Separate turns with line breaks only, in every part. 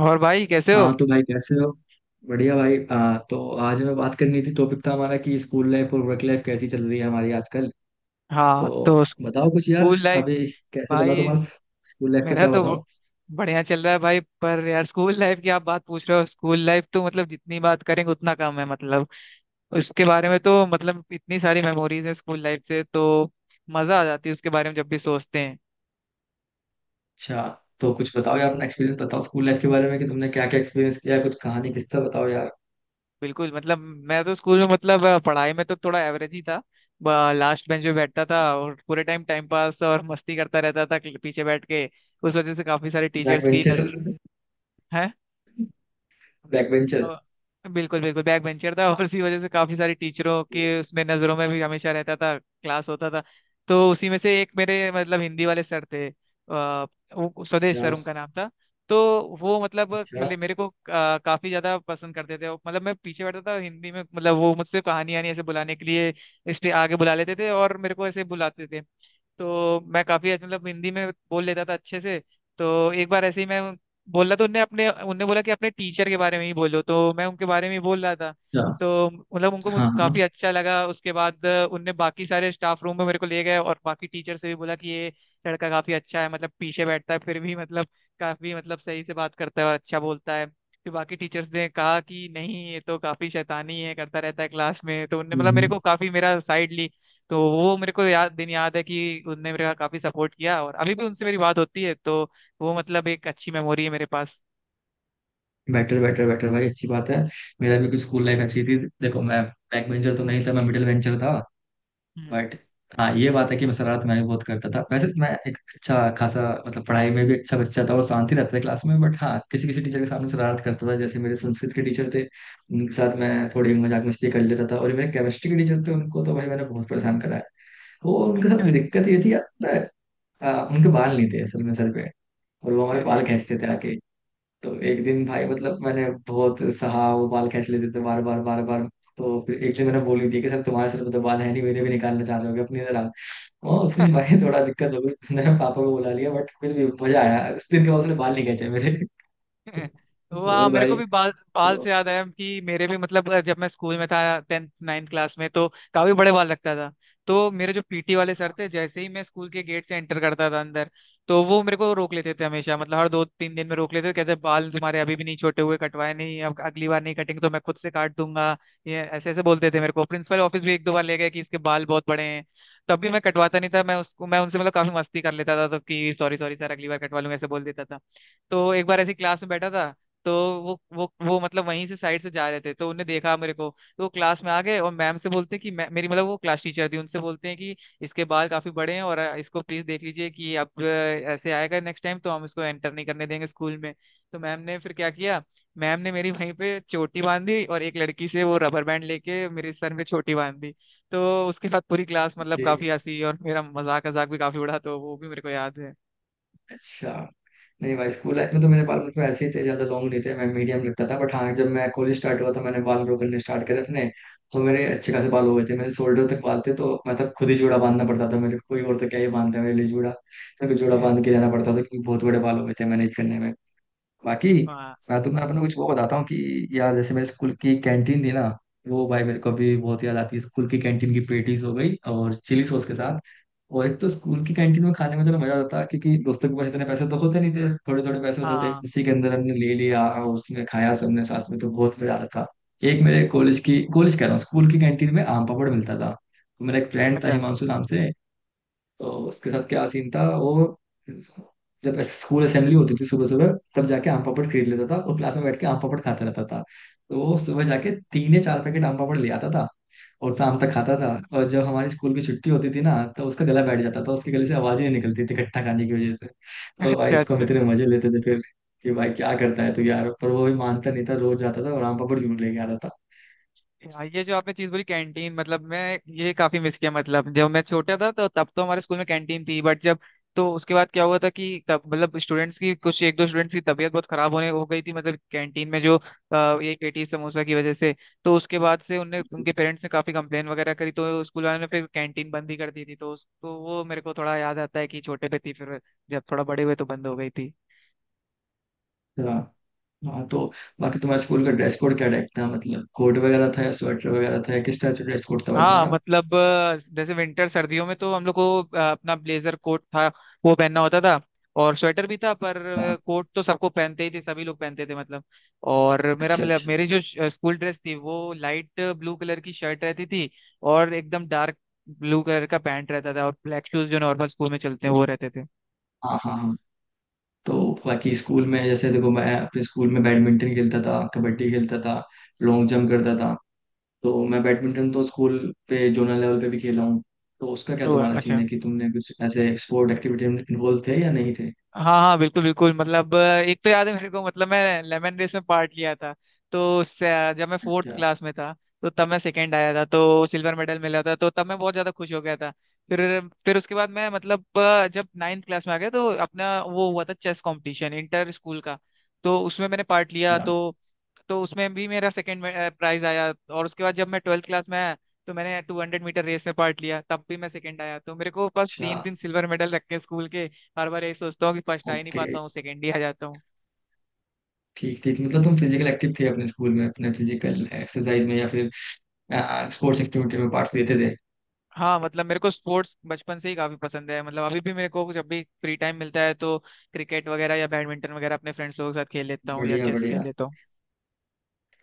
और भाई कैसे हो?
हाँ तो भाई कैसे हो। बढ़िया भाई तो आज हमें बात करनी थी, टॉपिक था हमारा कि स्कूल लाइफ और वर्क लाइफ कैसी चल रही है हमारी आजकल। तो
हाँ, तो
बताओ कुछ यार।
School life.
अभी कैसे चला
भाई
तुम्हारा? स्कूल लाइफ का
मेरा
क्या
तो
बताओ।
बढ़िया चल रहा है भाई। पर यार स्कूल लाइफ की आप बात पूछ रहे हो, स्कूल लाइफ तो मतलब जितनी बात करेंगे उतना कम है। मतलब उसके बारे में तो मतलब इतनी सारी मेमोरीज है स्कूल लाइफ से, तो मजा आ जाती है उसके बारे में जब भी सोचते हैं।
अच्छा, तो कुछ बताओ यार, अपना एक्सपीरियंस बताओ स्कूल लाइफ के बारे में कि तुमने क्या क्या एक्सपीरियंस किया है, कुछ कहानी किस्सा बताओ यार।
बिल्कुल मतलब मैं तो स्कूल में मतलब पढ़ाई में तो थोड़ा एवरेज ही था। लास्ट बेंच पे बैठता था और पूरे टाइम टाइम पास और मस्ती करता रहता था पीछे बैठ के। उस वजह से काफी सारे
बैक
टीचर्स की नज
बेंचर?
है
बैक बेंचर?
अ, बिल्कुल बिल्कुल बैक बेंचर था, और उसी वजह से काफी सारी टीचरों के उसमें नजरों में भी हमेशा रहता था क्लास होता था। तो उसी में से एक मेरे मतलब हिंदी वाले सर थे, वो स्वदेश सर
अच्छा।
उनका नाम था। तो वो मतलब
अच्छा।
मेरे को काफी ज्यादा पसंद करते थे, मतलब मैं पीछे बैठता था हिंदी में, मतलब वो मुझसे कहानी आनी ऐसे बुलाने के लिए इसलिए आगे बुला लेते थे और मेरे को ऐसे बुलाते थे। तो मैं काफी मतलब हिंदी में बोल लेता था अच्छे से। तो एक बार ऐसे ही मैं बोला तो उनने बोला कि अपने टीचर के बारे में ही बोलो, तो मैं उनके बारे में ही बोल रहा था।
अच्छा,
तो मतलब उनको
हाँ हाँ।
काफी अच्छा लगा उसके बाद, उनने बाकी सारे स्टाफ रूम में मेरे को ले गए और बाकी टीचर से भी बोला कि ये लड़का काफी अच्छा है, मतलब पीछे बैठता है फिर भी मतलब काफी मतलब सही से बात करता है और अच्छा बोलता है। फिर बाकी टीचर्स ने कहा कि नहीं ये तो काफी शैतानी है करता रहता है क्लास में, तो उनने मतलब मेरे
हम्म।
को काफी मेरा साइड ली। तो वो मेरे को याद दिन याद है कि उनने मेरा काफी सपोर्ट किया और अभी भी उनसे मेरी बात होती है, तो वो मतलब एक अच्छी मेमोरी है मेरे पास।
बेटर बेटर बेटर भाई, अच्छी बात है। मेरा भी कुछ स्कूल लाइफ ऐसी थी। देखो, मैं बैक बेंचर तो
हम्म,
नहीं था, मैं मिडिल बेंचर था।
हम्म।
बट हाँ, ये बात है कि मैं शरारत मैं भी बहुत करता था। वैसे तो मैं एक अच्छा खासा मतलब पढ़ाई में भी अच्छा बच्चा था और शांति रहता था क्लास में, बट हाँ, किसी किसी टीचर के सामने शरारत करता था, जैसे मेरे संस्कृत के टीचर थे, उनके साथ मैं थोड़ी मजाक मस्ती कर लेता था। और मेरे केमिस्ट्री के टीचर थे, उनको तो भाई मैंने बहुत परेशान करा है। वो उनके साथ
अच्छा, अच्छा।
दिक्कत ये थी यार, पता है, उनके बाल नहीं थे असल में सर पे, और वो हमारे
अरे!
बाल खींचते थे आके। तो एक दिन भाई, मतलब मैंने बहुत सहा, वो बाल खींच लेते थे बार बार बार बार। तो फिर एक दिन मैंने बोल ही दिया कि सर, तुम्हारे सर पे तो बाल है नहीं, मेरे भी निकालना चाह रहे हो अपनी तरह। हाँ उस दिन भाई थोड़ा दिक्कत हो गई, उसने पापा को बुला लिया, बट फिर भी मजा आया। उस दिन के बाद उसने बाल नहीं खींचे मेरे।
वाह!
और
मेरे को
भाई।
भी बाल बाल
तो
से याद आया कि मेरे भी मतलब जब मैं स्कूल में था टेंथ नाइन्थ क्लास में तो काफी बड़े बाल लगता था। तो मेरे जो पीटी वाले सर थे जैसे ही मैं स्कूल के गेट से एंटर करता था अंदर, तो वो मेरे को रोक लेते थे हमेशा, मतलब हर दो तीन दिन में रोक लेते थे, कहते बाल तुम्हारे अभी भी नहीं छोटे हुए, कटवाए नहीं, अब अगली बार नहीं कटेंगे तो मैं खुद से काट दूंगा। ये ऐसे ऐसे बोलते थे मेरे को, प्रिंसिपल ऑफिस भी एक दो बार ले गए कि इसके बाल बहुत बड़े हैं। तब भी मैं कटवाता नहीं था, मैं उनसे मतलब काफी मस्ती कर लेता था, तो कि सॉरी सॉरी सर अगली बार कटवा लूंगा ऐसे बोल देता था। तो एक बार ऐसी क्लास में बैठा था तो वो मतलब वहीं से साइड से जा रहे थे तो उन्हें देखा मेरे को। तो वो क्लास में आ गए और मैम से बोलते हैं कि मैं मेरी मतलब वो क्लास टीचर थी उनसे बोलते हैं कि इसके बाल काफी बड़े हैं और इसको प्लीज देख लीजिए कि अब ऐसे आएगा नेक्स्ट टाइम तो हम इसको एंटर नहीं करने देंगे स्कूल में। तो मैम ने फिर क्या किया? मैम ने मेरी वहीं पे चोटी बांधी और एक लड़की से वो रबर बैंड लेके मेरे सर पे चोटी बांध दी। तो उसके बाद पूरी क्लास मतलब
ठीक।
काफी हंसी और मेरा मजाक मजाक भी काफी उड़ा, तो वो भी मेरे को याद है।
अच्छा। नहीं भाई, स्कूल लाइफ में तो मेरे बाल मतलब ऐसे ही थे, ज्यादा लॉन्ग नहीं थे, मैं मीडियम रखता था। बट हाँ, जब मैं कॉलेज स्टार्ट हुआ तो मैंने बाल ग्रो करने स्टार्ट करे अपने। तो मेरे अच्छे खासे बाल हो गए थे, मेरे शोल्डर तक बाल थे, तो मतलब खुद ही जूड़ा बांधना पड़ता था मेरे को, कोई और तो क्या ही बांधता है मेरे लिए जूड़ा। मेरे को जूड़ा बांध के जाना पड़ता था क्योंकि बहुत बड़े बाल हो गए थे मैनेज करने में। बाकी
वाह!
मैं तुम्हें अपने कुछ वो बताता हूँ कि यार, जैसे मेरे स्कूल की कैंटीन थी ना, वो भाई मेरे को अभी बहुत याद आती है, स्कूल की कैंटीन की पेटीज हो गई और चिली सॉस के साथ। और एक तो स्कूल की कैंटीन में खाने में तो मजा आता, क्योंकि दोस्तों के पास इतने पैसे तो होते नहीं थे, थोड़े थोड़े पैसे होते थे,
हाँ।
उसी के अंदर हमने ले लिया और उसने खाया सबने साथ में, तो बहुत मजा आता था। एक मेरे कॉलेज की, कॉलेज कह रहा हूँ, स्कूल की कैंटीन में आम पापड़ मिलता था, तो मेरा एक फ्रेंड था
अच्छा,
हिमांशु नाम से। तो उसके साथ क्या सीन था, वो जब स्कूल असेंबली होती थी सुबह सुबह, तब जाके आम पापड़ खरीद लेता था और क्लास में बैठ के आम पापड़ खाता रहता था। तो वो सुबह जाके 3 या 4 पैकेट आम पापड़ ले आता था और शाम तक खाता था। और जब हमारी स्कूल की छुट्टी होती थी ना, तो उसका गला बैठ जाता था, उसके गले से आवाज ही नहीं निकलती थी खट्टा खाने की वजह से। और भाई
अच्छा।
इसको हम
अच्छा।
इतने मजे लेते थे फिर कि भाई क्या करता है, तो यार पर वो भी मानता नहीं था, रोज जाता था और आम पापड़ जरूर लेके आता
ये जो आपने चीज बोली कैंटीन, मतलब मैं ये काफी मिस किया, मतलब जब मैं छोटा था तो तब तो हमारे स्कूल में कैंटीन थी, बट जब तो उसके बाद क्या हुआ था कि तब मतलब स्टूडेंट्स की कुछ एक दो स्टूडेंट्स की तबीयत बहुत खराब होने हो गई थी, मतलब कैंटीन में जो ये पेटी समोसा की वजह से। तो उसके बाद से उनने उनके पेरेंट्स ने काफी कंप्लेन वगैरह करी, तो स्कूल वालों ने फिर कैंटीन बंद ही कर दी थी। तो तो वो मेरे को थोड़ा याद आता है कि छोटे पे थी, फिर जब थोड़ा बड़े हुए तो बंद हो गई थी।
था। हाँ, तो बाकी तुम्हारे स्कूल का ड्रेस कोड क्या टाइप था, मतलब कोट वगैरह था या स्वेटर वगैरह था या किस टाइप से ड्रेस कोड था भाई
हाँ
तुम्हारा?
मतलब जैसे विंटर सर्दियों में तो हम लोग को अपना ब्लेजर कोट था, वो पहनना होता था, और स्वेटर भी था पर
हाँ।
कोट तो सबको पहनते ही थे, सभी लोग पहनते थे मतलब। और मेरा
अच्छा
मतलब
अच्छा।
मेरी जो स्कूल ड्रेस थी वो लाइट ब्लू कलर की शर्ट रहती थी, और एकदम डार्क ब्लू कलर का पैंट रहता था, और ब्लैक शूज जो नॉर्मल स्कूल में चलते हैं वो रहते थे।
हाँ हाँ हाँ। तो बाकी स्कूल में जैसे देखो, मैं अपने स्कूल में बैडमिंटन खेलता था, कबड्डी खेलता था, लॉन्ग जंप करता था। तो मैं बैडमिंटन तो स्कूल पे जोनल लेवल पे भी खेला हूँ। तो उसका क्या
ओ,
तुम्हारा सीन
अच्छा।
है कि तुमने कुछ ऐसे स्पोर्ट एक्टिविटी में इन्वॉल्व थे या नहीं थे?
हाँ हाँ बिल्कुल बिल्कुल मतलब एक तो याद है मेरे को, मतलब मैं लेमन रेस में पार्ट लिया था तो जब मैं फोर्थ
अच्छा।
क्लास में था तो तब मैं सेकंड आया था तो सिल्वर मेडल मिला था, तो तब मैं बहुत ज्यादा खुश हो गया था। फिर फिर उसके बाद मैं मतलब जब नाइन्थ क्लास में आ गया तो अपना वो हुआ था चेस कंपटीशन इंटर स्कूल का, तो उसमें मैंने पार्ट लिया।
अच्छा।
तो उसमें भी मेरा सेकंड प्राइज आया, और उसके बाद जब मैं ट्वेल्थ क्लास में आया तो मैंने टू हंड्रेड मीटर रेस में पार्ट लिया, तब भी मैं सेकंड आया, तो मेरे को बस
अच्छा।
तीन तीन सिल्वर मेडल रख के स्कूल के हर बार यही सोचता हूँ कि फर्स्ट आ ही नहीं
ओके।
पाता हूँ, सेकेंड ही आ जाता हूँ।
ठीक ठीक, मतलब तुम फिजिकल एक्टिव थे अपने स्कूल में, अपने फिजिकल एक्सरसाइज में या फिर स्पोर्ट्स एक्टिविटी में पार्ट लेते थे।
हाँ मतलब मेरे को स्पोर्ट्स बचपन से ही काफी पसंद है, मतलब अभी भी मेरे को जब भी फ्री टाइम मिलता है तो क्रिकेट वगैरह या बैडमिंटन वगैरह अपने फ्रेंड्स लोगों के साथ खेल लेता हूँ या
बढ़िया
चेस खेल
बढ़िया।
लेता हूँ।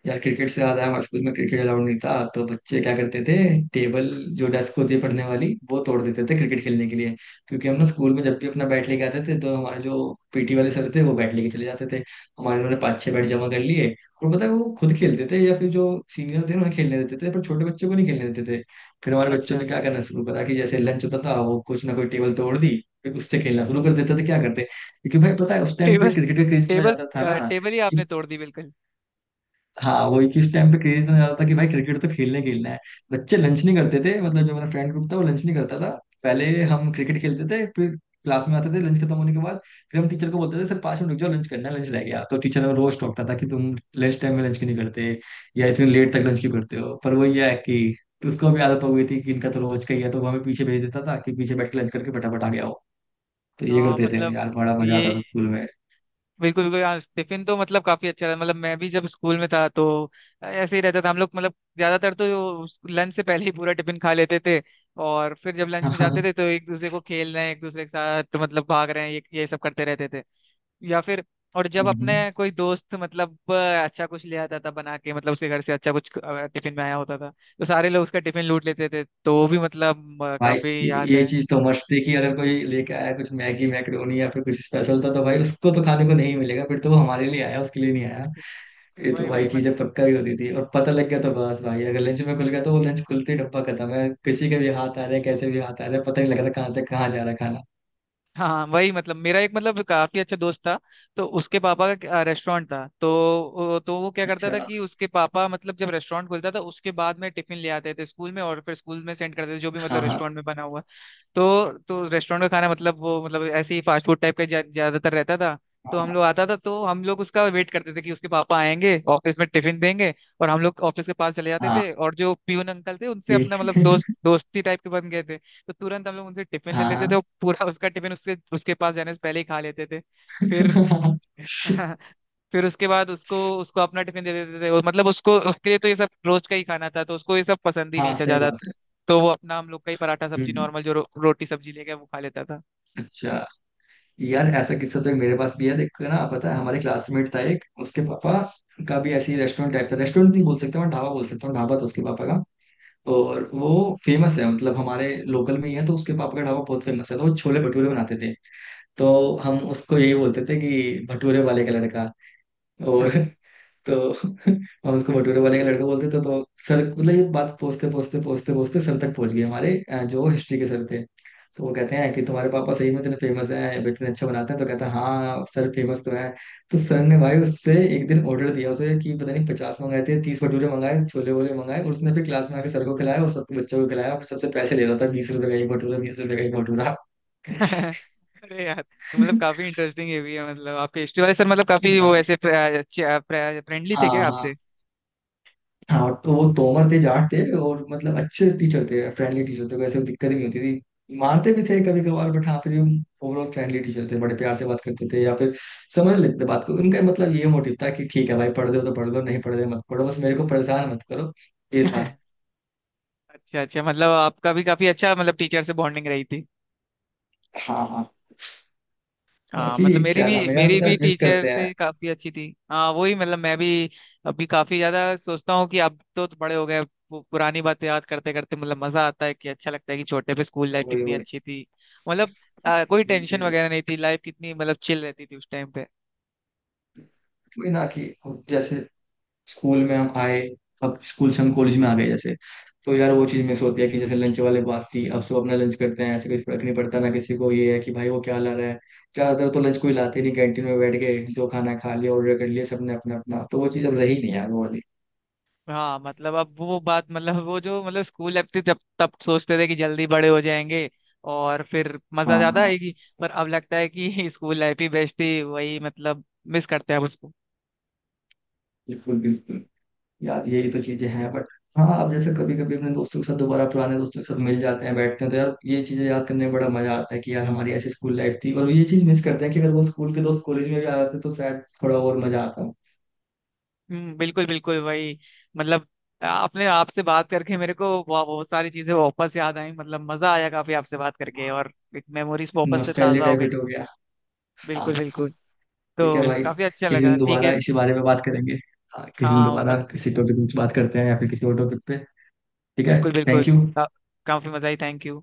यार क्रिकेट से ज्यादा हमारे स्कूल में, क्रिकेट अलाउड नहीं था, तो बच्चे क्या करते थे, टेबल जो डेस्क होती है पढ़ने वाली, वो तोड़ देते थे क्रिकेट खेलने के लिए। क्योंकि हम ना स्कूल में जब भी अपना बैट लेके आते थे, तो हमारे जो पीटी वाले सर थे वो बैट लेके चले जाते थे। हमारे उन्होंने 5-6 बैट जमा कर लिए। और पता है वो खुद खेलते थे या फिर जो सीनियर थे उन्हें खेलने देते थे, पर छोटे बच्चों को नहीं खेलने देते थे। फिर हमारे बच्चों
अच्छा।
ने क्या करना शुरू करा कि जैसे लंच होता था, वो कुछ ना कोई टेबल तोड़ दी। फिर उससे खेलना शुरू कर देते थे, क्या करते क्योंकि भाई पता है उस टाइम पे
टेबल!
क्रिकेट का क्रेज इतना
टेबल!
ज्यादा था ना।
टेबल ही आपने तोड़ दी बिल्कुल।
हाँ वही, किस टाइम पे क्रेज इतना ज्यादा था कि भाई क्रिकेट तो खेलने खेलना है। बच्चे लंच नहीं करते थे, मतलब जो मेरा फ्रेंड ग्रुप था वो लंच नहीं करता था। पहले हम क्रिकेट खेलते थे, फिर क्लास में आते थे लंच खत्म होने के बाद। फिर हम टीचर को बोलते थे, सर 5 मिनट रुक जाओ, लंच करना है, लंच रह गया। तो टीचर हमें रोज टोकता था कि तुम लंच टाइम में लंच क्यों नहीं करते या इतने लेट तक लंच क्यों करते हो, पर वो ये है कि उसको भी आदत हो गई थी कि इनका तो रोज का ही है, तो वो हमें पीछे भेज देता था कि पीछे बैठ के लंच करके फटाफट आ गया हो। तो ये
हाँ
करते थे
मतलब
यार, बड़ा मजा
ये
आता था स्कूल में।
बिल्कुल बिल्कुल। हाँ टिफिन तो मतलब काफी अच्छा था, मतलब मैं भी जब स्कूल में था तो ऐसे ही रहता था हम लोग, मतलब ज्यादातर तो लंच से पहले ही पूरा टिफिन खा लेते थे। और फिर जब लंच में
हाँ
जाते थे तो एक दूसरे को खेल रहे हैं एक दूसरे के साथ तो मतलब भाग रहे हैं ये सब करते रहते थे। या फिर और जब अपने
हाँ।
कोई दोस्त मतलब अच्छा कुछ ले आता था बना के, मतलब उसके घर से अच्छा कुछ टिफिन में आया होता था, तो सारे लोग उसका टिफिन लूट लेते थे, तो वो भी मतलब
भाई
काफी याद
ये
है।
चीज तो मस्त थी कि अगर कोई लेके आया कुछ मैगी मैक्रोनी या फिर कुछ स्पेशल था, तो भाई उसको तो खाने को नहीं मिलेगा, फिर तो वो हमारे लिए आया उसके लिए नहीं आया। ये तो
वही,
भाई
वही।
चीजें पक्का ही होती थी, और पता लग गया तो बस भाई, अगर लंच में खुल गया तो वो लंच खुलते ही डब्बा खत्म है, किसी के भी हाथ आ रहे हैं, कैसे भी हाथ आ रहे हैं, पता नहीं लग रहा कहाँ से कहाँ जा रहा है खाना।
हाँ वही मतलब मेरा एक मतलब काफी अच्छा दोस्त था, तो उसके पापा का रेस्टोरेंट था। तो तो वो क्या करता था
अच्छा।
कि उसके पापा मतलब जब रेस्टोरेंट खुलता था उसके बाद में टिफिन ले आते थे स्कूल में और फिर स्कूल में सेंड करते थे जो भी
हाँ
मतलब
हाँ।
रेस्टोरेंट में बना हुआ। तो रेस्टोरेंट का खाना मतलब वो मतलब ऐसे ही फास्ट फूड टाइप का ज्यादातर रहता था। तो हम
हाँ
लोग आता था तो हम लोग उसका वेट करते थे कि उसके पापा आएंगे ऑफिस में टिफिन देंगे। और हम लोग ऑफिस के पास चले जाते
हाँ।
थे, और जो पियून अंकल थे उनसे अपना मतलब
ठीक।
दोस्ती टाइप के बन गए थे। तो तुरंत हम लोग उनसे टिफिन ले लेते थे
हाँ
और पूरा उसका टिफिन उसके उसके पास जाने से पहले ही खा लेते थे। फिर
हाँ
फिर उसके बाद उसको उसको अपना टिफिन दे देते थे, मतलब उसको उसके लिए तो ये सब रोज का ही खाना था तो उसको ये सब पसंद ही
हाँ
नहीं था
सही
ज्यादा।
बात है।
तो वो अपना हम लोग का ही पराठा
हम्म,
सब्जी
हम्म,
नॉर्मल जो रोटी सब्जी लेके वो खा लेता था।
अच्छा। यार ऐसा किस्सा तो एक मेरे पास भी है, देखो ना, पता है हमारे क्लासमेट था एक, उसके पापा का भी ऐसे ही रेस्टोरेंट टाइप था, रेस्टोरेंट नहीं बोल सकता मैं, ढाबा बोल सकता हूँ, ढाबा था उसके पापा का। और वो फेमस है, मतलब हमारे लोकल में ही है, तो उसके पापा का ढाबा बहुत फेमस है, तो वो छोले भटूरे बनाते थे। तो हम उसको यही बोलते थे कि भटूरे वाले का लड़का। और तो हम उसको भटूरे वाले का लड़का बोलते थे। तो सर मतलब ये बात पहुंचते पहुंचते पहुंचते पहुंचते सर तक पहुंच गई हमारे जो हिस्ट्री के सर थे। तो वो कहते हैं कि तुम्हारे पापा सही में इतने फेमस हैं, इतने अच्छा बनाते हैं, तो कहता है हाँ सर फेमस तो है। तो सर ने भाई उससे एक दिन ऑर्डर दिया उसे, कि पता नहीं 50 मंगाए थे, 30 भटूरे मंगाए, छोले वोले मंगाए, और उसने फिर क्लास में आके सर को खिलाया और सबके बच्चों को खिलाया और सबसे पैसे ले रहा था, 20 रुपए का एक भटूरा, 20 रुपए का एक भटूरा।
अरे यार, तो मतलब काफी इंटरेस्टिंग ये भी है, मतलब आपके हिस्ट्री वाले सर मतलब काफी वो ऐसे फ्रेंडली थे
हाँ
क्या आपसे?
हाँ। हाँ, तो वो तोमर थे, जाट थे, और मतलब अच्छे टीचर थे, फ्रेंडली टीचर थे, वैसे दिक्कत ही नहीं होती थी, मारते भी थे कभी कभार, बट हाँ फिर भी ओवरऑल फ्रेंडली टीचर थे, बड़े प्यार से बात करते थे, या फिर समझ लेते थे बात को। उनका मतलब ये मोटिव था कि ठीक है भाई, पढ़ दो तो पढ़ दो, नहीं पढ़ दो मत पढ़ो, बस मेरे को परेशान मत करो, ये था।
अच्छा, अच्छा, मतलब आपका भी काफी अच्छा मतलब टीचर से बॉन्डिंग रही थी।
हाँ हाँ।
हाँ
बाकी
मतलब
क्या नाम है यार,
मेरी
पता है
भी
मिस
टीचर
करते हैं।
से काफी अच्छी थी। हाँ वही मतलब मैं भी अभी काफी ज्यादा सोचता हूँ कि अब तो बड़े हो गए, अब पुरानी बातें याद करते करते मतलब मजा आता है कि अच्छा लगता है कि छोटे पे स्कूल लाइफ
वही
कितनी
वही।
अच्छी थी। मतलब कोई
वही
टेंशन
चीज है।
वगैरह नहीं थी, लाइफ कितनी मतलब चिल रहती थी उस टाइम पे।
वही ना कि जैसे स्कूल में हम आए, अब स्कूल से हम कॉलेज में आ गए जैसे, तो यार वो चीज़ मिस होती है कि जैसे लंच वाले बात थी, अब सब अपना लंच करते हैं, ऐसे कुछ फर्क नहीं पड़ता ना किसी को, ये है कि भाई वो क्या ला रहा है। ज़्यादातर तो लंच को ही लाते नहीं, कैंटीन में बैठ के जो खाना खा लिया, ऑर्डर कर लिया सबने अपना अपना, तो वो चीज़ अब रही नहीं यार वो वाली।
हाँ मतलब अब वो बात, मतलब वो जो मतलब स्कूल लाइफ थी, तब तब सोचते थे कि जल्दी बड़े हो जाएंगे और फिर
हाँ
मजा ज्यादा
हाँ,
आएगी। पर अब लगता है कि स्कूल लाइफ ही बेस्ट थी, वही मतलब मिस करते हैं अब उसको।
बिल्कुल बिल्कुल। यार यही तो चीज़ें हैं बट हाँ, अब जैसे कभी कभी अपने दोस्तों के साथ, दोबारा पुराने दोस्तों के साथ मिल जाते हैं, बैठते हैं, तो यार ये चीज़ें याद करने में बड़ा मजा आता है कि यार हमारी ऐसी स्कूल लाइफ थी, और ये चीज़ मिस करते हैं कि अगर वो स्कूल के दोस्त कॉलेज में भी आ जाते तो शायद थोड़ा और मजा आता।
हम्म, बिल्कुल बिल्कुल वही। मतलब आपने आपसे बात करके मेरे को बहुत सारी चीजें वापस याद आई, मतलब मजा आया काफी आपसे बात करके, और एक मेमोरीज वापस से
नॉस्टैल्जिया
ताजा हो गई।
टाइप हो गया। हाँ।
बिल्कुल, बिल्कुल।
ठीक है
तो
भाई,
काफी अच्छा
किसी
लगा,
दिन
ठीक
दोबारा
है।
इसी बारे में बात करेंगे। हाँ किसी
हाँ,
दिन
हाँ,
दोबारा
मत
किसी टॉपिक पे कुछ बात करते हैं, या फिर किसी और टॉपिक पे। ठीक है।
बिल्कुल,
थैंक
बिल्कुल।
यू।
का- काफी मजा आई, थैंक यू।